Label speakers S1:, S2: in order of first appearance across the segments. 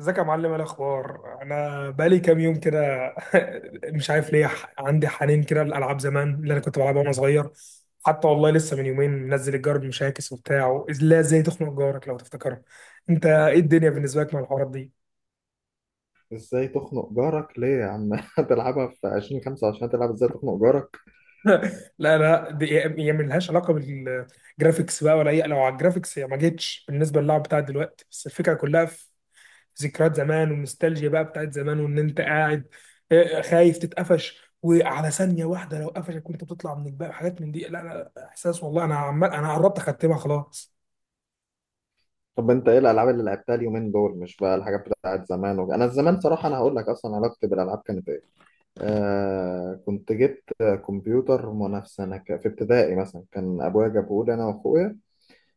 S1: ازيك يا معلم، ايه الاخبار؟ انا بقالي كام يوم كده. مش عارف ليه، عندي حنين كده للالعاب زمان اللي انا كنت بلعبها وانا صغير. حتى والله لسه من يومين منزل الجار بمشاكس وبتاع، لا ازاي تخنق جارك لو تفتكرها. انت ايه الدنيا بالنسبه لك مع الحوارات دي؟
S2: ازاي تخنق جارك؟ ليه يا عم؟ هتلعبها في 2025؟ هتلعب ازاي تخنق جارك؟
S1: لا لا، دي هي ملهاش علاقه بالجرافيكس بقى ولا اي، لو على الجرافيكس هي ما جتش بالنسبه للعب بتاع دلوقتي، بس الفكره كلها ذكريات زمان والنوستالجيا بقى بتاعت زمان، وان انت قاعد آه، خايف تتقفش، وعلى ثانيه واحده لو قفشك وانت بتطلع من الجبال حاجات من دي. لا لا لا، احساس والله، انا عمال، انا قربت اختمها خلاص.
S2: طب انت ايه الالعاب اللي لعبتها اليومين دول؟ مش بقى الحاجات بتاعت زمان انا زمان صراحه، انا هقول لك اصلا علاقتي بالالعاب كانت ايه. آه كنت جبت كمبيوتر منافسه، في ابتدائي مثلا، كان ابويا جابه لي انا واخويا.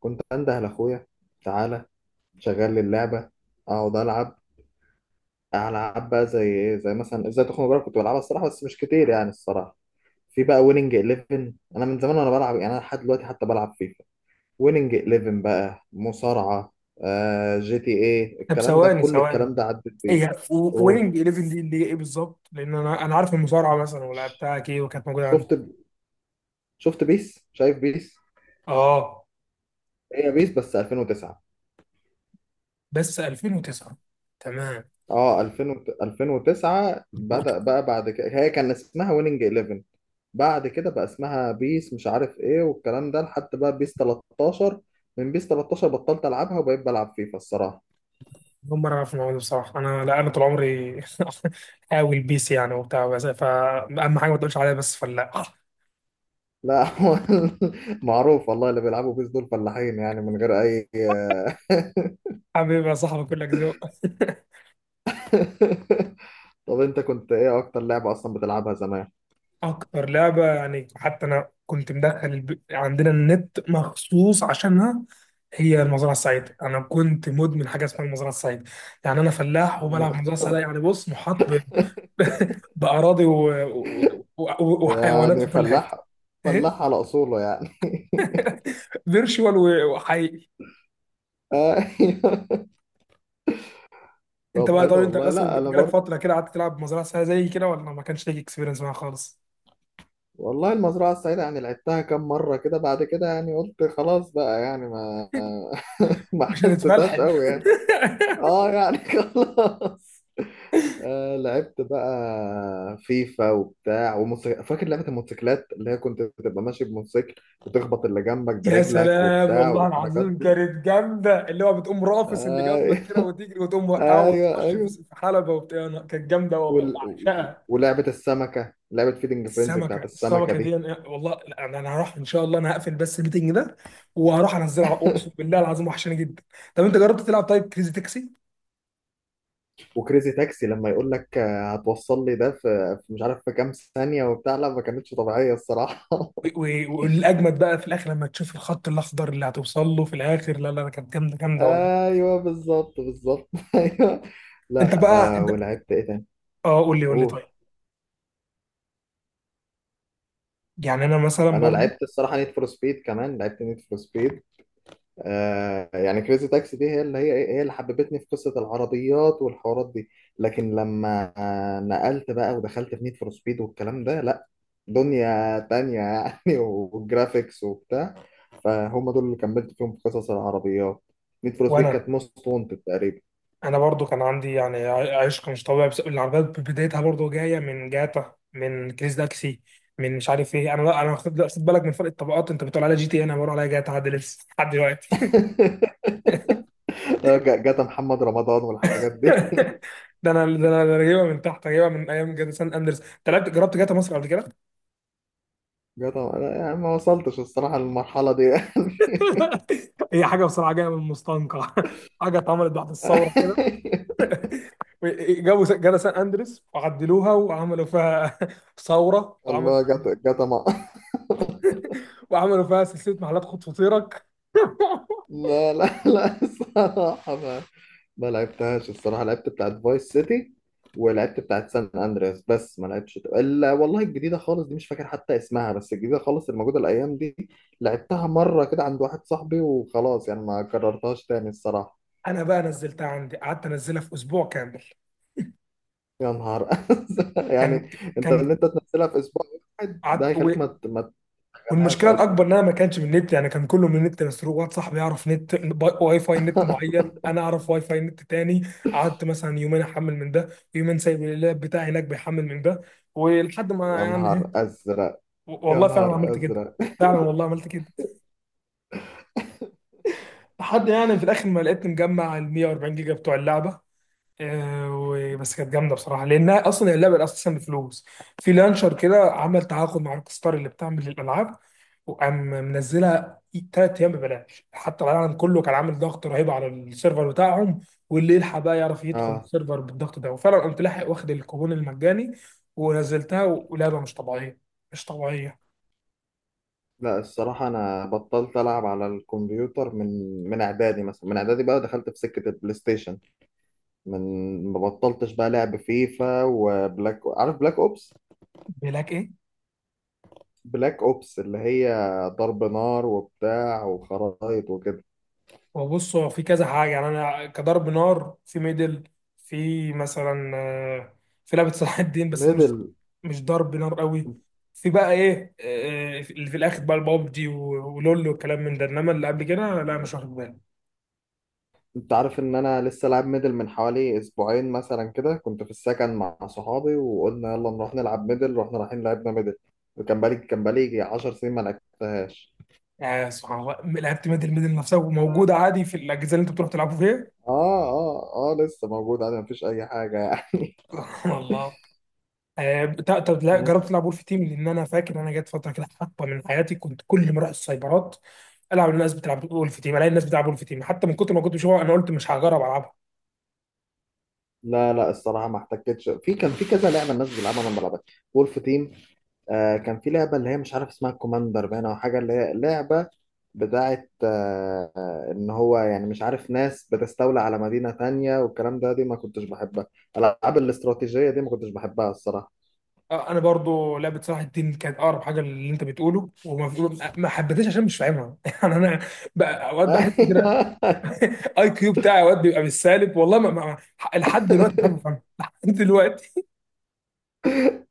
S2: كنت انده لاخويا: تعالى، شغل لي اللعبه، اقعد العب. العب بقى زي ايه؟ زي مثلا ازاي تخنق جارك، كنت بلعبها الصراحه بس مش كتير يعني الصراحه. في بقى ويننج 11، انا من زمان وانا بلعب، يعني انا لحد دلوقتي حتى بلعب فيفا. ويننج 11 بقى، مصارعة، آه جي تي ايه،
S1: طب
S2: الكلام ده
S1: ثواني
S2: كل الكلام
S1: ثواني،
S2: ده عدت بيه.
S1: هي
S2: قول.
S1: ويننج 11 دي اللي هي ايه بالظبط؟ لان انا عارف المصارعه مثلا ولعبتها كي وكانت موجوده عندي.
S2: شفت؟ شفت بيس؟ شايف بيس.
S1: اه،
S2: هي بيس، بس 2009.
S1: بس 2009، تمام.
S2: اه 2000 2009 بدأ بقى. بعد كده هي كان اسمها ويننج 11، بعد كده بقى اسمها بيس مش عارف ايه والكلام ده لحد بقى بيس 13. من بيس 13 بطلت العبها وبقيت بلعب فيفا الصراحة.
S1: اول مره اعرف الموضوع ده بصراحه، انا، لا انا طول عمري حاول بيس يعني وبتاع، بس فاهم حاجه ما تقولش عليها بس فلا.
S2: لا هو معروف والله، اللي بيلعبوا بيس دول فلاحين يعني، من غير اي.
S1: حبيبي يا صاحبي، كلك ذوق.
S2: طب انت كنت ايه اكتر لعبة اصلا بتلعبها زمان؟
S1: اكتر لعبه يعني، حتى انا كنت مدخل عندنا النت مخصوص عشانها، هي المزرعه السعيده. انا كنت مدمن حاجه اسمها المزرعه السعيده. يعني انا فلاح وبلعب
S2: ما-
S1: المزرعه السعيده. يعني بص، محاط باراضي و وحيوانات
S2: يعني
S1: في كل
S2: فلاح،
S1: حته. ايه
S2: فلاح على اصوله يعني.
S1: فيرشوال و وحقيقي.
S2: ايوه.
S1: انت
S2: طب
S1: بقى، طب
S2: حلو
S1: انت
S2: والله،
S1: اصلا
S2: لا انا
S1: جالك
S2: برضه.
S1: فتره كده قعدت تلعب مزرعه سعيده زي كده ولا ما كانش ليك اكسبيرينس معاها خالص؟
S2: والله المزرعة السعيدة يعني لعبتها كام مرة كده، بعد كده يعني قلت خلاص بقى، يعني ما ما
S1: مش
S2: حسيتهاش
S1: هتتفلحل.
S2: قوي يعني. اه يعني خلاص. آه لعبت بقى فيفا وبتاع وموتوسيكل. فاكر لعبة الموتوسيكلات اللي هي كنت بتبقى ماشي بموتوسيكل وتخبط اللي جنبك
S1: يا
S2: برجلك
S1: سلام،
S2: وبتاع
S1: والله
S2: والحركات؟
S1: العظيم كانت جامده. اللي هو بتقوم رافس اللي جنبك كده
S2: ايوه،
S1: وتجري وتقوم وقعه
S2: ايوه،
S1: وتخش في
S2: ايوه.
S1: في حلبه وبتاع. أنا كانت جامده والله،
S2: وال... و-
S1: بعشقها.
S2: ولعبه السمكه، لعبه فيدنج فرينزي
S1: السمكه
S2: بتاعت السمكه
S1: السمكه
S2: دي.
S1: دي، والله لا انا، أنا هروح ان شاء الله، انا هقفل بس الميتنج ده وهروح انزلها، اقسم بالله العظيم وحشاني جدا. طب انت جربت تلعب طيب كريزي تاكسي؟
S2: وكريزي تاكسي لما يقول لك آه، هتوصل لي ده في مش عارف في كام ثانيه وبتاع، لا ما كانتش طبيعيه الصراحه.
S1: و- و- والاجمد بقى في الاخر لما تشوف الخط الاخضر اللي هتوصل له في الاخر، لا لا لا، كانت جامده جامده والله.
S2: ايوه بالظبط، بالظبط، ايوه. لا،
S1: انت بقى،
S2: آه
S1: انت.
S2: ولعبت ايه تاني؟
S1: اه، قول لي قول لي
S2: قول.
S1: طيب. يعني انا مثلا
S2: انا
S1: برضو،
S2: لعبت الصراحه نيد فور سبيد، كمان لعبت نيد فور سبيد. آه، يعني كريزي تاكسي دي هي اللي هي إيه؟ هي اللي حببتني في قصة العربيات والحوارات دي. لكن لما آه، نقلت بقى ودخلت في نيد فور سبيد والكلام ده، لا، دنيا تانية يعني. والجرافيكس وبتاع، فهم دول اللي كملت فيهم في قصص العربيات. نيد فور سبيد
S1: وانا
S2: كانت موست وانتد تقريبا.
S1: برضو كان عندي يعني عشق مش طبيعي. بس العربيات بدايتها برضو جايه من جاتا، من كريس داكسي، من مش عارف ايه. انا، لا انا خد، لا، خد بالك من فرق الطبقات. انت بتقول عليها جي تي إيه، انا بقول عليها جاتا لحد لسه لحد دلوقتي.
S2: آه، جاتا محمد رمضان والحاجات دي.
S1: ده انا، أنا جايبها من تحت، جايبها من ايام جاتا سان اندرس. انت لعبت جربت جاتا مصر قبل كده؟
S2: جاتا، أنا يعني ما وصلتش الصراحة للمرحلة دي يعني.
S1: هي حاجه بصراحه جايه من المستنقع. حاجه اتعملت بعد الثوره كده. جابوا جاتا سان اندرس وعدلوها وعملوا فيها ثوره،
S2: الله، جاتا جاتا ما...
S1: وعملوا فيها سلسله محلات خد فطيرك.
S2: لا لا لا الصراحة، ما لعبتهاش الصراحة. لعبت بتاعت فايس سيتي، ولعبت بتاعت سان اندرياس، بس ما لعبتش الا والله الجديدة خالص دي، مش فاكر حتى اسمها، بس الجديدة خالص الموجودة الايام دي. لعبتها مرة كده عند واحد صاحبي وخلاص، يعني ما كررتهاش تاني الصراحة.
S1: انا بقى نزلتها عندي، قعدت انزلها في اسبوع كامل.
S2: يا نهار أزرق،
S1: كان
S2: يعني انت ان
S1: كان
S2: انت تنزلها في اسبوع واحد، ده
S1: قعدت
S2: هيخليك ما تشغلهاش
S1: والمشكله
S2: اصلا.
S1: الاكبر ان انا ما كانش من النت، يعني كان كله من النت مسروق. واحد صاحبي يعرف نت واي فاي نت معين، انا اعرف واي فاي نت تاني. قعدت مثلا يومين احمل من ده، يومين سايب اللاب بتاعي هناك بيحمل من ده، ولحد ما
S2: يا
S1: يعني
S2: نهار
S1: إيه،
S2: ازرق، يا
S1: والله فعلا
S2: نهار
S1: عملت كده.
S2: ازرق.
S1: فعلا والله عملت كده. لحد يعني في الاخر ما لقيت مجمع ال 140 جيجا بتوع اللعبه. آه، بس كانت جامده بصراحه، لانها اصلا اللعبه اساسا بفلوس. في لانشر كده عمل تعاقد مع روك ستار اللي بتعمل الالعاب، وقام منزلها ثلاث ايام ببلاش، حتى العالم كله كان عامل ضغط رهيب على السيرفر بتاعهم، واللي يلحق بقى يعرف يدخل
S2: اه
S1: السيرفر بالضغط ده، وفعلا قمت لاحق واخد الكوبون المجاني ونزلتها. ولعبه مش طبيعيه، مش طبيعيه.
S2: لا الصراحة، أنا بطلت ألعب على الكمبيوتر من إعدادي مثلا، من إعدادي بقى دخلت في سكة البلاي ستيشن. من ما بطلتش بقى لعب فيفا وبلاك، عارف بلاك أوبس؟
S1: بيقول لك ايه،
S2: بلاك أوبس اللي هي ضرب نار وبتاع وخرايط وكده.
S1: هو بص، هو في كذا حاجة. يعني أنا كضرب نار في ميدل. في مثلا آه، في لعبة صلاح الدين، بس دي
S2: ميدل.
S1: مش ضرب نار قوي. في بقى إيه آه، اللي في الآخر بقى البابجي ولول والكلام من ده، إنما اللي قبل كده لا مش واخد بالي.
S2: أنت عارف إن أنا لسه لاعب ميدل من حوالي أسبوعين مثلا كده؟ كنت في السكن مع صحابي وقلنا يلا نروح نلعب ميدل، رحنا رايحين لعبنا ميدل، وكان بقالي 10 سنين ما لعبتهاش.
S1: يعني سبحان الله، لعبت ميدل. ميدل نفسها وموجودة عادي في الأجهزة اللي أنت بتروح تلعبوا فيها.
S2: اه، اه، اه، لسه موجود عادي مفيش اي حاجه يعني.
S1: سبحان الله. آه، طب لا
S2: بس
S1: جربت تلعب وولف تيم؟ لان انا فاكر انا جت فتره كده، حقبه من حياتي، كنت كل ما اروح السايبرات العب، الناس بتلعب وولف تيم، الاقي الناس بتلعب وولف تيم، حتى من كتر ما كنت بشوفها انا قلت مش هجرب العبها.
S2: لا لا الصراحه، ما احتكتش. في كان في كذا لعبه الناس بتلعبها انا ما بلعبهاش، وولف تيم. آه كان في لعبه اللي هي مش عارف اسمها كوماندر باين او حاجه، اللي هي لعبه بتاعت ان هو يعني مش عارف ناس بتستولى على مدينه تانية والكلام ده، دي ما كنتش بحبها. الالعاب الاستراتيجيه دي ما كنتش بحبها الصراحه.
S1: آه، انا برضو لعبه صلاح الدين كانت اقرب حاجه للي انت بتقوله، ما حبيتهاش عشان مش فاهمها. يعني انا اوقات بحس كده اي كيو بتاعي اوقات بيبقى بالسالب. والله لحد دلوقتي مش عارف افهمها. لحد دلوقتي.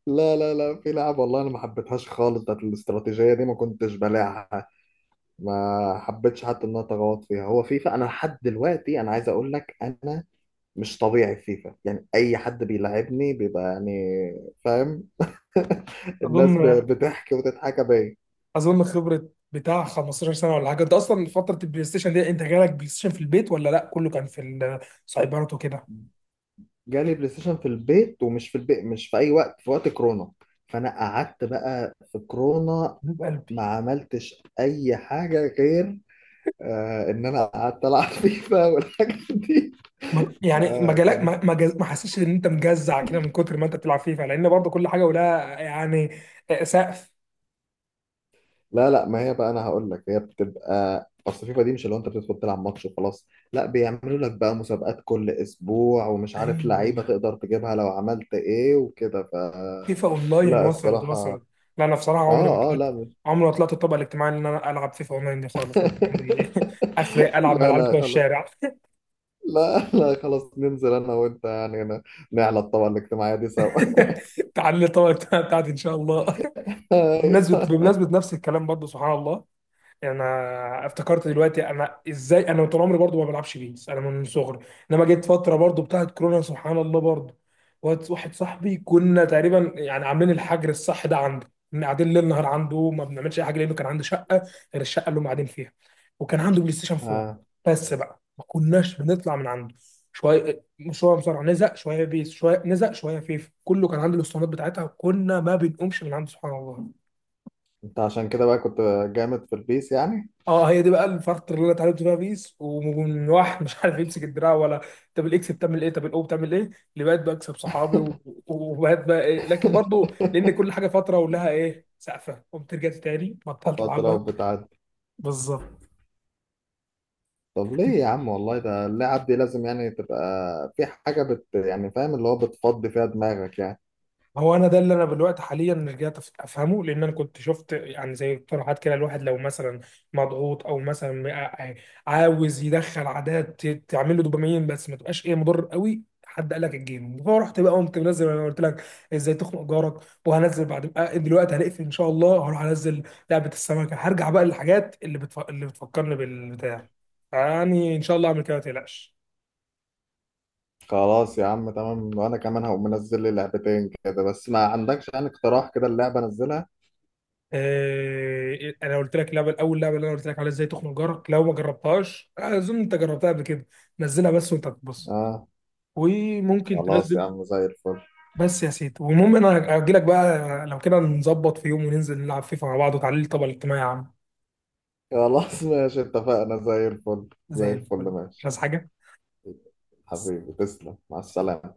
S2: لا لا لا، في لعبه والله انا ما حبيتهاش خالص، بتاعت الاستراتيجيه دي ما كنتش بلاعها. ما حبيتش حتى ان انا اتغوط فيها. هو فيفا، انا لحد دلوقتي انا عايز اقول لك، انا مش طبيعي في فيفا يعني. اي حد بيلعبني بيبقى يعني فاهم.
S1: اظن
S2: الناس بتحكي وتضحك بيا.
S1: اظن خبره بتاع 15 سنه ولا حاجه. انت اصلا فتره البلاي ستيشن دي، انت جالك بلاي ستيشن في البيت ولا لا كله كان في السايبرات وكده؟
S2: جالي بلاي ستيشن في البيت، ومش في البيت مش في اي وقت، في وقت كورونا. فانا قعدت بقى في كورونا
S1: حبيب
S2: ما
S1: قلبي.
S2: عملتش اي حاجه غير، آه، ان انا قعدت العب فيفا والحاجات دي.
S1: ما- يعني ما
S2: آه
S1: جالك
S2: كان.
S1: ما ما جز- ما حسيتش ان انت مجزع كده من كتر ما انت بتلعب فيفا؟ لان برضه كل حاجه ولها يعني آه، سقف.
S2: لا لا، ما هي بقى انا هقول لك، هي بتبقى اصل فيفا دي مش اللي هو انت بتدخل تلعب ماتش وخلاص. لا، بيعملوا لك بقى مسابقات كل اسبوع ومش عارف لعيبه
S1: ايوه،
S2: تقدر تجيبها لو عملت ايه وكده ف...
S1: فيفا اونلاين،
S2: لا
S1: وصلت
S2: الصراحه.
S1: وصلت. لا انا بصراحه عمري ما
S2: اه، اه،
S1: طلعت،
S2: لا مش...
S1: عمري ما طلعت الطبقه الاجتماعي ان انا العب فيفا اونلاين دي خالص. أنا عمري اخري العب مع
S2: لا
S1: العيال
S2: لا
S1: بتوع
S2: خلاص.
S1: الشارع.
S2: لا لا خلاص، ننزل انا وانت يعني هنا، نعلى الطبقه الاجتماعيه دي سوا.
S1: تعالى الطبقه بتاعتي ان شاء الله. بمناسبة
S2: أيوة.
S1: بمناسبة نفس الكلام برضه سبحان الله. انا افتكرت دلوقتي، انا ازاي انا طول عمري برضه ما بلعبش بيس، انا من صغري. انما جيت فترة برضه بتاعت كورونا سبحان الله برضه، واحد صاحبي، كنا تقريبا يعني عاملين الحجر الصح ده عنده، كنا قاعدين ليل نهار عنده، ما بنعملش اي حاجه، لانه كان عنده شقه غير الشقه اللي هم قاعدين فيها، وكان عنده بلاي ستيشن 4.
S2: آه.
S1: بس بقى ما كناش بنطلع من عنده. شويه شويه مصارعه، نزق شويه بيس، شويه نزق شويه فيفا. كله كان عنده الاسطوانات بتاعتها، وكنا ما بنقومش من عنده سبحان الله.
S2: انت عشان كده بقى كنت جامد في البيس يعني.
S1: اه، هي دي بقى الفتره اللي انا اتعلمت فيها بيس، ومن واحد مش عارف يمسك الدراع ولا. طب الاكس بتعمل ايه، طب الاو بتعمل ايه، اللي بقيت بكسب صحابي وبقيت بقى إيه. لكن برضو لان كل حاجه فتره ولها ايه سقفه، قمت رجعت تاني بطلت
S2: قلت
S1: العبها.
S2: لو بتاع.
S1: بالظبط.
S2: طب ليه يا عم والله؟ ده اللعب دي لازم يعني تبقى في حاجة يعني، فاهم اللي هو بتفضي فيها دماغك يعني.
S1: هو انا ده اللي انا دلوقتي حاليا رجعت افهمه. لان انا كنت شفت يعني زي اقتراحات كده، الواحد لو مثلا مضغوط او مثلا عاوز يدخل عادات تعمل له دوبامين، بس ما تبقاش ايه مضر قوي. حد قال لك الجيم، فرحت بقى قمت منزل، انا قلت لك ازاي تخنق جارك. وهنزل بعد آه، دلوقتي هنقفل ان شاء الله، هروح انزل لعبه السمكه، هرجع بقى للحاجات اللي اللي بتفكرني بالبتاع. يعني ان شاء الله اعمل كده ما تقلقش.
S2: خلاص يا عم تمام. وانا كمان هقوم منزل لي لعبتين كده، بس ما عندكش يعني اقتراح كده اللعبة انزلها؟
S1: آه، انا قلت لك اللعبه الاول لعبه اللي انا قلت لك عليها ازاي تخنق جارك، لو ما جربتهاش آه، اظن انت جربتها قبل كده. نزلها بس وانت بتبص،
S2: اه
S1: وممكن
S2: خلاص يا
S1: تنزل.
S2: عم، زي الفل.
S1: بس يا سيدي، والمهم انا هجي لك بقى لو كده، نظبط في يوم وننزل نلعب فيفا مع بعض وتعليل طبعا الاجتماعي يا عم.
S2: خلاص ماشي، اتفقنا، زي الفل زي
S1: زي
S2: الفل
S1: الفل، مش
S2: ماشي.
S1: عايز حاجه.
S2: حبيبي تسلم، مع السلامة.